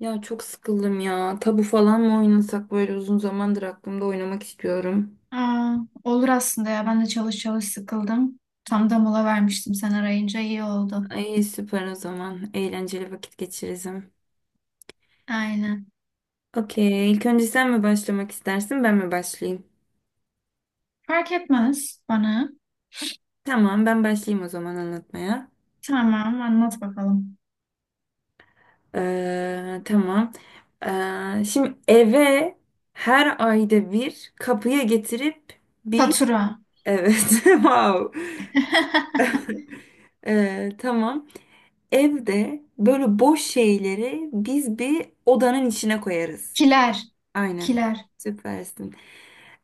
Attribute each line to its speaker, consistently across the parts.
Speaker 1: Ya çok sıkıldım ya. Tabu falan mı oynasak böyle uzun zamandır aklımda oynamak istiyorum.
Speaker 2: Aa, olur aslında ya. Ben de çalış çalış sıkıldım. Tam da mola vermiştim, sen arayınca iyi oldu.
Speaker 1: Ay süper o zaman. Eğlenceli vakit geçiririm.
Speaker 2: Aynen.
Speaker 1: Okey. İlk önce sen mi başlamak istersin, ben mi başlayayım?
Speaker 2: Fark etmez bana.
Speaker 1: Tamam, ben başlayayım o zaman anlatmaya.
Speaker 2: Tamam, anlat bakalım.
Speaker 1: Tamam. Şimdi eve her ayda bir kapıya getirip bir...
Speaker 2: Fatura.
Speaker 1: Evet, wow. Tamam. Evde böyle boş şeyleri biz bir odanın içine koyarız.
Speaker 2: Kiler.
Speaker 1: Aynen.
Speaker 2: Kiler.
Speaker 1: Süpersin.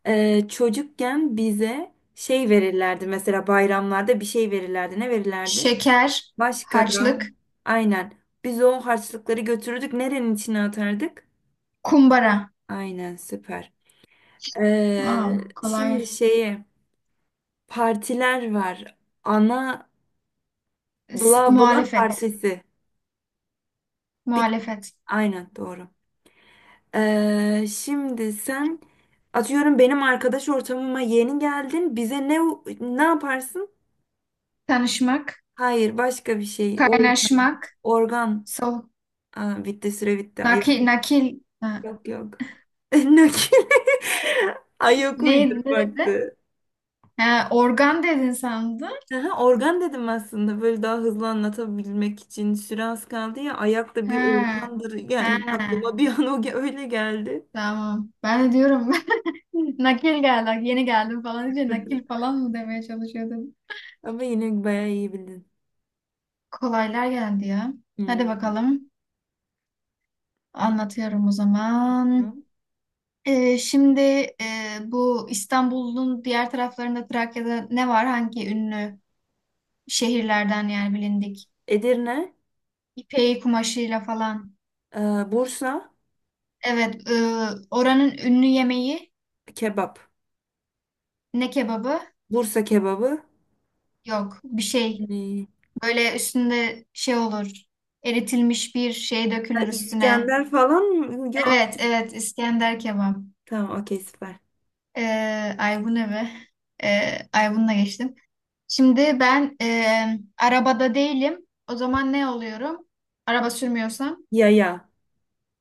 Speaker 1: Çocukken bize şey verirlerdi. Mesela bayramlarda bir şey verirlerdi. Ne verirlerdi?
Speaker 2: Şeker.
Speaker 1: Başka da.
Speaker 2: Harçlık.
Speaker 1: Aynen. Biz o harçlıkları götürürdük. Nerenin içine atardık?
Speaker 2: Kumbara.
Speaker 1: Aynen süper.
Speaker 2: Wow, kolay.
Speaker 1: Şimdi şeyi partiler var. Ana bla bla
Speaker 2: Muhalefet.
Speaker 1: partisi. Bir,
Speaker 2: Muhalefet.
Speaker 1: aynen doğru. Şimdi sen atıyorum benim arkadaş ortamıma yeni geldin. Bize ne yaparsın?
Speaker 2: Tanışmak.
Speaker 1: Hayır, başka bir şey.
Speaker 2: Kaynaşmak.
Speaker 1: Organ.
Speaker 2: Sol.
Speaker 1: Aa, bitti süre bitti. Ay,
Speaker 2: Nakil. Nakil. Ha,
Speaker 1: yok yok. Nakil. Ay yok
Speaker 2: ne dedi?
Speaker 1: uydurmaktı.
Speaker 2: Ha, organ dedin sandım.
Speaker 1: Aha, organ dedim aslında böyle daha hızlı anlatabilmek için süre az kaldı ya ayak da bir
Speaker 2: Ha.
Speaker 1: organdır yani
Speaker 2: Ha.
Speaker 1: aklıma bir an öyle geldi.
Speaker 2: Tamam. Ben de diyorum nakil geldi. Yeni geldim falan diye nakil falan mı demeye çalışıyordum.
Speaker 1: Ama yine bayağı iyi bildin.
Speaker 2: Kolaylar geldi ya. Hadi
Speaker 1: Hmm.
Speaker 2: bakalım. Anlatıyorum o zaman.
Speaker 1: Tamam.
Speaker 2: Şimdi bu İstanbul'un diğer taraflarında Trakya'da ne var? Hangi ünlü şehirlerden, yani bilindik?
Speaker 1: Edirne.
Speaker 2: İpeği kumaşıyla falan.
Speaker 1: Bursa
Speaker 2: Evet, oranın ünlü yemeği
Speaker 1: kebap.
Speaker 2: ne kebabı?
Speaker 1: Bursa kebabı.
Speaker 2: Yok, bir şey.
Speaker 1: Hmm.
Speaker 2: Böyle üstünde şey olur. Eritilmiş bir şey
Speaker 1: Ya
Speaker 2: dökülür üstüne.
Speaker 1: İskender falan mı? Yok.
Speaker 2: Evet, evet. İskender kebap.
Speaker 1: Tamam okey süper.
Speaker 2: Ee, ay bu ne be? Ay bununla geçtim. Şimdi ben arabada değilim. O zaman ne oluyorum? Araba sürmüyorsam.
Speaker 1: Yaya.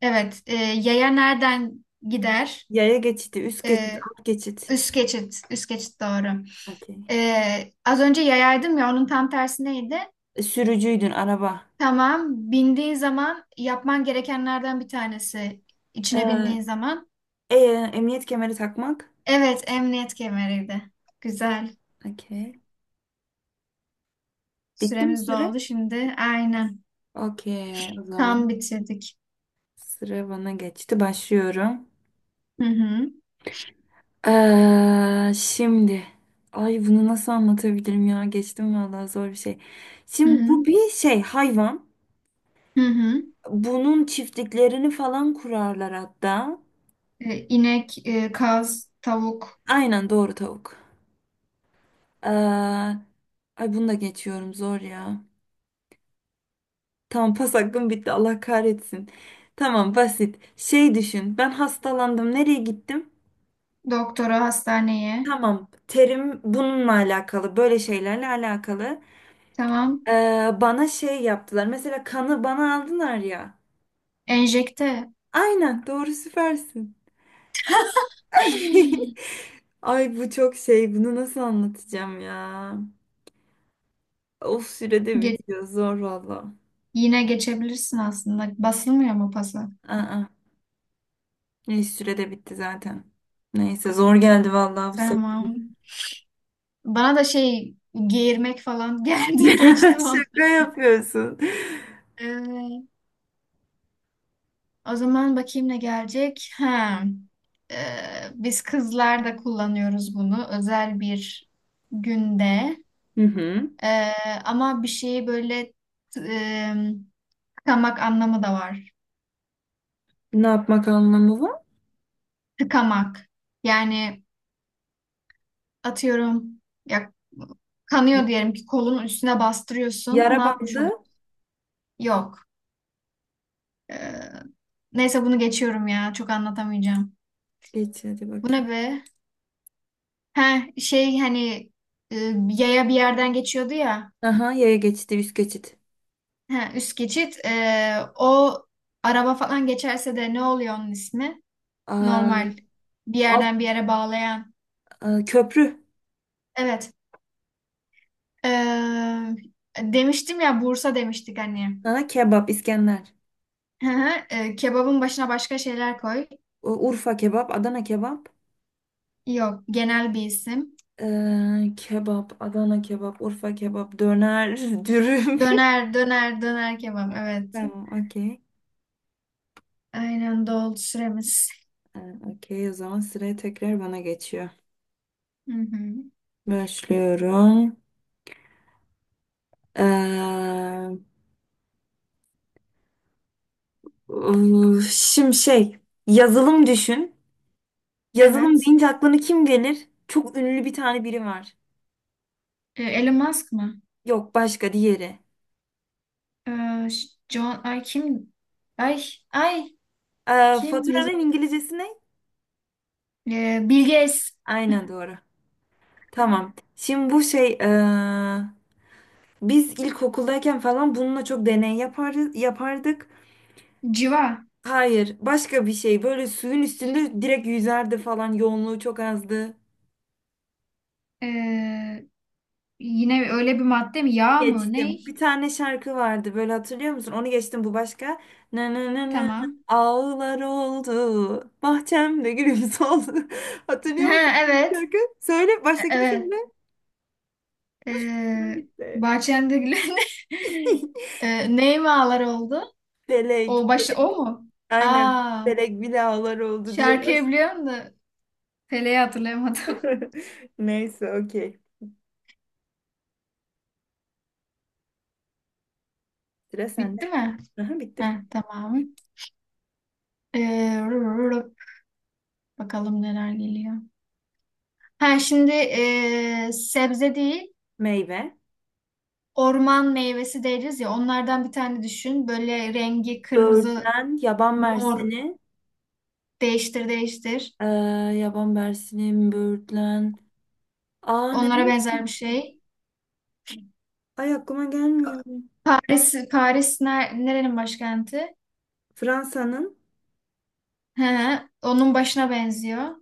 Speaker 2: Evet. Yaya nereden gider?
Speaker 1: Yaya geçidi. Üst geçit.
Speaker 2: E,
Speaker 1: Alt geçit.
Speaker 2: üst geçit. Üst geçit doğru.
Speaker 1: Okey.
Speaker 2: Az önce yayaydım ya, onun tam tersi neydi?
Speaker 1: Sürücüydün araba.
Speaker 2: Tamam. Bindiğin zaman yapman gerekenlerden bir tanesi. İçine bindiğin
Speaker 1: Ee,
Speaker 2: zaman.
Speaker 1: e, emniyet kemeri takmak.
Speaker 2: Evet, emniyet kemeriydi. Güzel.
Speaker 1: Okey. Bitti mi
Speaker 2: Süremiz
Speaker 1: süre?
Speaker 2: doldu şimdi. Aynen.
Speaker 1: Okey. O zaman
Speaker 2: Tam bitirdik.
Speaker 1: sıra bana geçti. Başlıyorum.
Speaker 2: Hı hı.
Speaker 1: Şimdi. Ay bunu nasıl anlatabilirim ya? Geçtim vallahi zor bir şey.
Speaker 2: Hı
Speaker 1: Şimdi
Speaker 2: hı.
Speaker 1: bu bir şey hayvan.
Speaker 2: Hı hı.
Speaker 1: Bunun çiftliklerini falan kurarlar hatta.
Speaker 2: İnek, kaz, tavuk,
Speaker 1: Aynen doğru tavuk. Ee, Ay bunu da geçiyorum zor ya. Tamam pas hakkım bitti Allah kahretsin. Tamam basit. Şey düşün ben hastalandım nereye gittim?
Speaker 2: doktora, hastaneye.
Speaker 1: Tamam terim bununla alakalı böyle şeylerle alakalı.
Speaker 2: Tamam.
Speaker 1: Bana şey yaptılar mesela kanı bana aldılar ya.
Speaker 2: Enjekte.
Speaker 1: Aynen doğru süpersin.
Speaker 2: Ay!
Speaker 1: Ay bu çok şey bunu nasıl anlatacağım ya. Of sürede
Speaker 2: Ge-
Speaker 1: bitiyor. Zor valla.
Speaker 2: yine geçebilirsin aslında. Basılmıyor mu pasa?
Speaker 1: Aa, ne sürede bitti zaten. Neyse zor geldi valla bu sefer.
Speaker 2: Tamam. Bana da şey geğirmek falan geldi. Geçtim onu.
Speaker 1: Şaka yapıyorsun.
Speaker 2: Evet. O zaman bakayım ne gelecek. Ha. Ee, biz kızlar da kullanıyoruz bunu özel bir günde.
Speaker 1: Hı hı.
Speaker 2: Ee, ama bir şeyi böyle e, tıkamak anlamı da var.
Speaker 1: Ne yapmak anlamı var?
Speaker 2: Tıkamak. Yani atıyorum ya, kanıyor diyelim ki kolun üstüne bastırıyorsun. Ne
Speaker 1: Yara
Speaker 2: yapmış oluyor?
Speaker 1: bandı.
Speaker 2: Yok. Ee, neyse bunu geçiyorum ya. Çok anlatamayacağım.
Speaker 1: Geç hadi
Speaker 2: Bu ne
Speaker 1: bakayım.
Speaker 2: be? Ha şey, hani e, yaya bir yerden geçiyordu ya.
Speaker 1: Aha yaya geçidi üst geçit.
Speaker 2: Ha, üst geçit. O araba falan geçerse de ne oluyor onun ismi?
Speaker 1: Aa,
Speaker 2: Normal bir
Speaker 1: alt,
Speaker 2: yerden bir yere bağlayan.
Speaker 1: aa, köprü.
Speaker 2: Evet. Ee, demiştim ya Bursa demiştik hani.
Speaker 1: Aha, kebap İskender.
Speaker 2: Hı hı. Kebabın başına başka şeyler koy.
Speaker 1: Urfa kebap Adana kebap.
Speaker 2: Yok, genel bir isim.
Speaker 1: Kebap Adana kebap Urfa kebap döner dürüm.
Speaker 2: Döner, döner, döner kebap. Evet.
Speaker 1: Tamam okey.
Speaker 2: Aynen, doldu süremiz.
Speaker 1: Ee, Okey, o zaman sıraya tekrar bana geçiyor.
Speaker 2: Hı hı.
Speaker 1: Başlıyorum. Ee, şimdi şey, yazılım düşün. Yazılım
Speaker 2: Evet.
Speaker 1: deyince aklına kim gelir? Çok ünlü bir tane biri var.
Speaker 2: Elon Musk mı?
Speaker 1: Yok, başka diğeri.
Speaker 2: Ee, John, ay kim? Ay, ay kim? Yazı
Speaker 1: Faturanın İngilizcesi ne?
Speaker 2: Bill Gates.
Speaker 1: Aynen doğru. Tamam. Şimdi bu şey, biz ilkokuldayken falan bununla çok deney yapardık.
Speaker 2: Civa.
Speaker 1: Hayır, başka bir şey. Böyle suyun üstünde direkt yüzerdi falan. Yoğunluğu çok azdı.
Speaker 2: Ee, yine öyle bir madde mi? Yağ mı?
Speaker 1: Geçtim.
Speaker 2: Ney?
Speaker 1: Bir tane şarkı vardı böyle hatırlıyor musun? Onu geçtim bu başka. Na na na na na.
Speaker 2: Tamam.
Speaker 1: Ağlar oldu. Bahçemde gülüm soldu. Hatırlıyor musun
Speaker 2: Ha,
Speaker 1: bu
Speaker 2: evet.
Speaker 1: şarkı? Söyle baştakini
Speaker 2: Evet.
Speaker 1: söyle. Sıra
Speaker 2: Ee,
Speaker 1: bitti.
Speaker 2: bahçende gülen. Ney mi ağlar oldu?
Speaker 1: Felek.
Speaker 2: O başta
Speaker 1: Felek.
Speaker 2: o mu?
Speaker 1: Aynen.
Speaker 2: Aa,
Speaker 1: Felek bile ağlar oldu diye
Speaker 2: şarkıyı biliyorum da. Pele'yi hatırlayamadım.
Speaker 1: başlıyor. Neyse okey. Sıra sende.
Speaker 2: Bitti mi?
Speaker 1: Aha, bitti bitti.
Speaker 2: Heh, tamam. Ee, rup, bakalım neler geliyor. Ha şimdi sebze değil,
Speaker 1: Meyve.
Speaker 2: orman meyvesi deriz ya. Onlardan bir tane düşün. Böyle rengi kırmızı.
Speaker 1: Böğürtlen. Yaban
Speaker 2: Mor.
Speaker 1: mersini.
Speaker 2: Değiştir değiştir.
Speaker 1: Ee, yaban mersini. Böğürtlen. Aa ne
Speaker 2: Onlara
Speaker 1: var?
Speaker 2: benzer bir şey.
Speaker 1: Ay aklıma gelmiyor.
Speaker 2: Paris, Paris nerenin başkenti?
Speaker 1: Fransa'nın
Speaker 2: He, onun başına benziyor.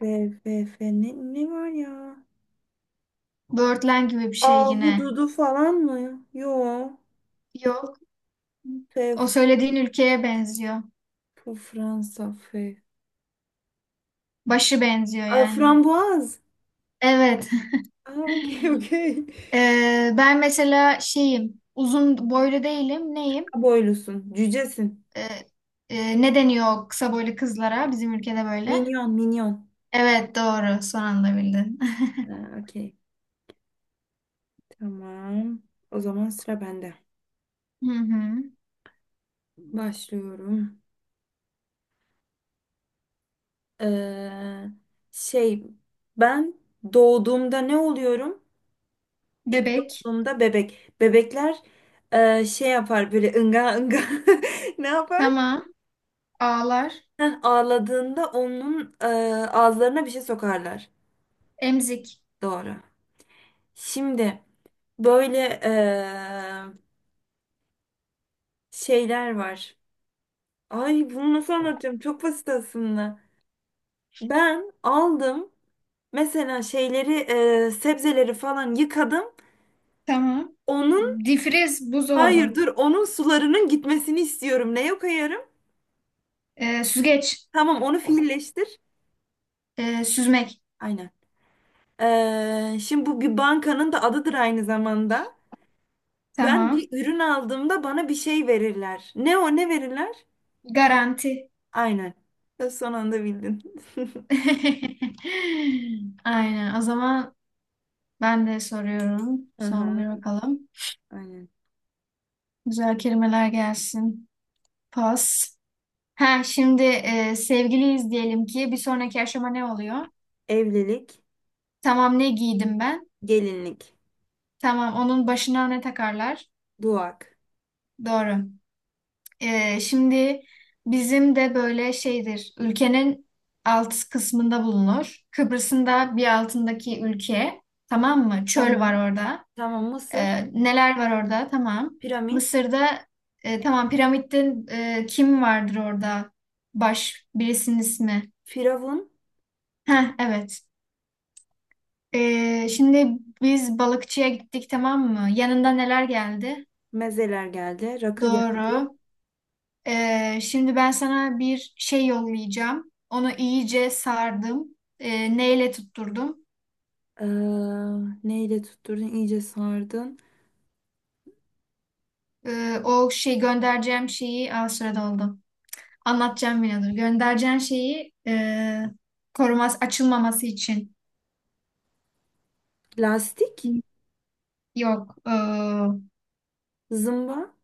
Speaker 1: F, F, F, ne var ya?
Speaker 2: Birdland gibi bir şey yine.
Speaker 1: Ahududu falan mı? Yo.
Speaker 2: Yok. O
Speaker 1: F,
Speaker 2: söylediğin ülkeye benziyor.
Speaker 1: Fransa F.
Speaker 2: Başı benziyor
Speaker 1: Ay,
Speaker 2: yani.
Speaker 1: frambuaz.
Speaker 2: Evet.
Speaker 1: Aa, okey okey.
Speaker 2: Ben mesela şeyim. Uzun boylu değilim. Neyim?
Speaker 1: Boylusun. Cücesin.
Speaker 2: Ee, ne deniyor o kısa boylu kızlara bizim ülkede böyle?
Speaker 1: Minyon minyon.
Speaker 2: Evet, doğru. Son anda bildin.
Speaker 1: Aa, okey. Tamam. O zaman sıra bende.
Speaker 2: Hı hı.
Speaker 1: Başlıyorum. Ee, şey ben doğduğumda ne oluyorum? İlk
Speaker 2: Bebek.
Speaker 1: doğduğumda bebek. Bebekler şey yapar böyle ınga ınga ne yapar?
Speaker 2: Tamam. Ağlar.
Speaker 1: Heh, ağladığında onun ağızlarına bir şey sokarlar.
Speaker 2: Emzik.
Speaker 1: Doğru. Şimdi böyle e, şeyler var. Ay bunu nasıl anlatacağım? Çok basit aslında. Ben aldım mesela şeyleri sebzeleri falan yıkadım.
Speaker 2: Tamam.
Speaker 1: Onun
Speaker 2: Difriz.
Speaker 1: hayır
Speaker 2: Buzdolabı.
Speaker 1: dur onun sularının gitmesini istiyorum. Neye koyarım?
Speaker 2: Süzgeç.
Speaker 1: Tamam onu fiilleştir.
Speaker 2: Süzmek.
Speaker 1: Aynen. Şimdi bu bir bankanın da adıdır aynı zamanda. Ben
Speaker 2: Tamam.
Speaker 1: bir ürün aldığımda bana bir şey verirler. Ne o ne verirler?
Speaker 2: Garanti.
Speaker 1: Aynen. Ya son anda bildin.
Speaker 2: Aynen. O zaman ben de soruyorum. Son
Speaker 1: Aha,
Speaker 2: bir bakalım.
Speaker 1: aynen.
Speaker 2: Güzel kelimeler gelsin. Pas. Ha şimdi sevgiliyiz diyelim ki bir sonraki aşama ne oluyor?
Speaker 1: Evlilik,
Speaker 2: Tamam, ne giydim ben?
Speaker 1: gelinlik,
Speaker 2: Tamam, onun başına ne takarlar?
Speaker 1: duak.
Speaker 2: Doğru. Şimdi bizim de böyle şeydir. Ülkenin alt kısmında bulunur. Kıbrıs'ın da bir altındaki ülke. Tamam mı? Çöl
Speaker 1: Tamam.
Speaker 2: var orada.
Speaker 1: Tamam Mısır,
Speaker 2: Neler var orada? Tamam.
Speaker 1: piramit,
Speaker 2: Mısır'da tamam piramitte kim vardır orada? Baş birisinin ismi.
Speaker 1: firavun,
Speaker 2: Heh, evet. Şimdi biz balıkçıya gittik, tamam mı? Yanında neler geldi?
Speaker 1: mezeler geldi, rakı geldi.
Speaker 2: Doğru. Şimdi ben sana bir şey yollayacağım. Onu iyice sardım. Neyle tutturdum?
Speaker 1: Ee, neyle tutturdun? İyice sardın.
Speaker 2: O şey göndereceğim şeyi. Aa, sürede doldu. Anlatacağım yine, dur. Göndereceğim şeyi koruması açılmaması için.
Speaker 1: Lastik,
Speaker 2: Yok.
Speaker 1: zımba.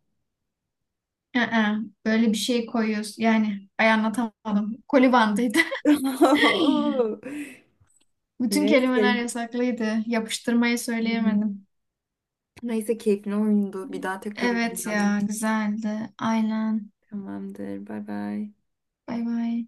Speaker 2: I-ı, böyle bir şey koyuyoruz. Yani ay anlatamadım. Kolibandıydı.
Speaker 1: Oo,
Speaker 2: Bütün kelimeler
Speaker 1: neyse.
Speaker 2: yasaklıydı. Yapıştırmayı söyleyemedim.
Speaker 1: Neyse keyifli oyundu. Bir daha tekrar
Speaker 2: Evet
Speaker 1: oynayalım.
Speaker 2: ya, güzeldi. Aynen.
Speaker 1: Tamamdır. Bay bay.
Speaker 2: Bay bay.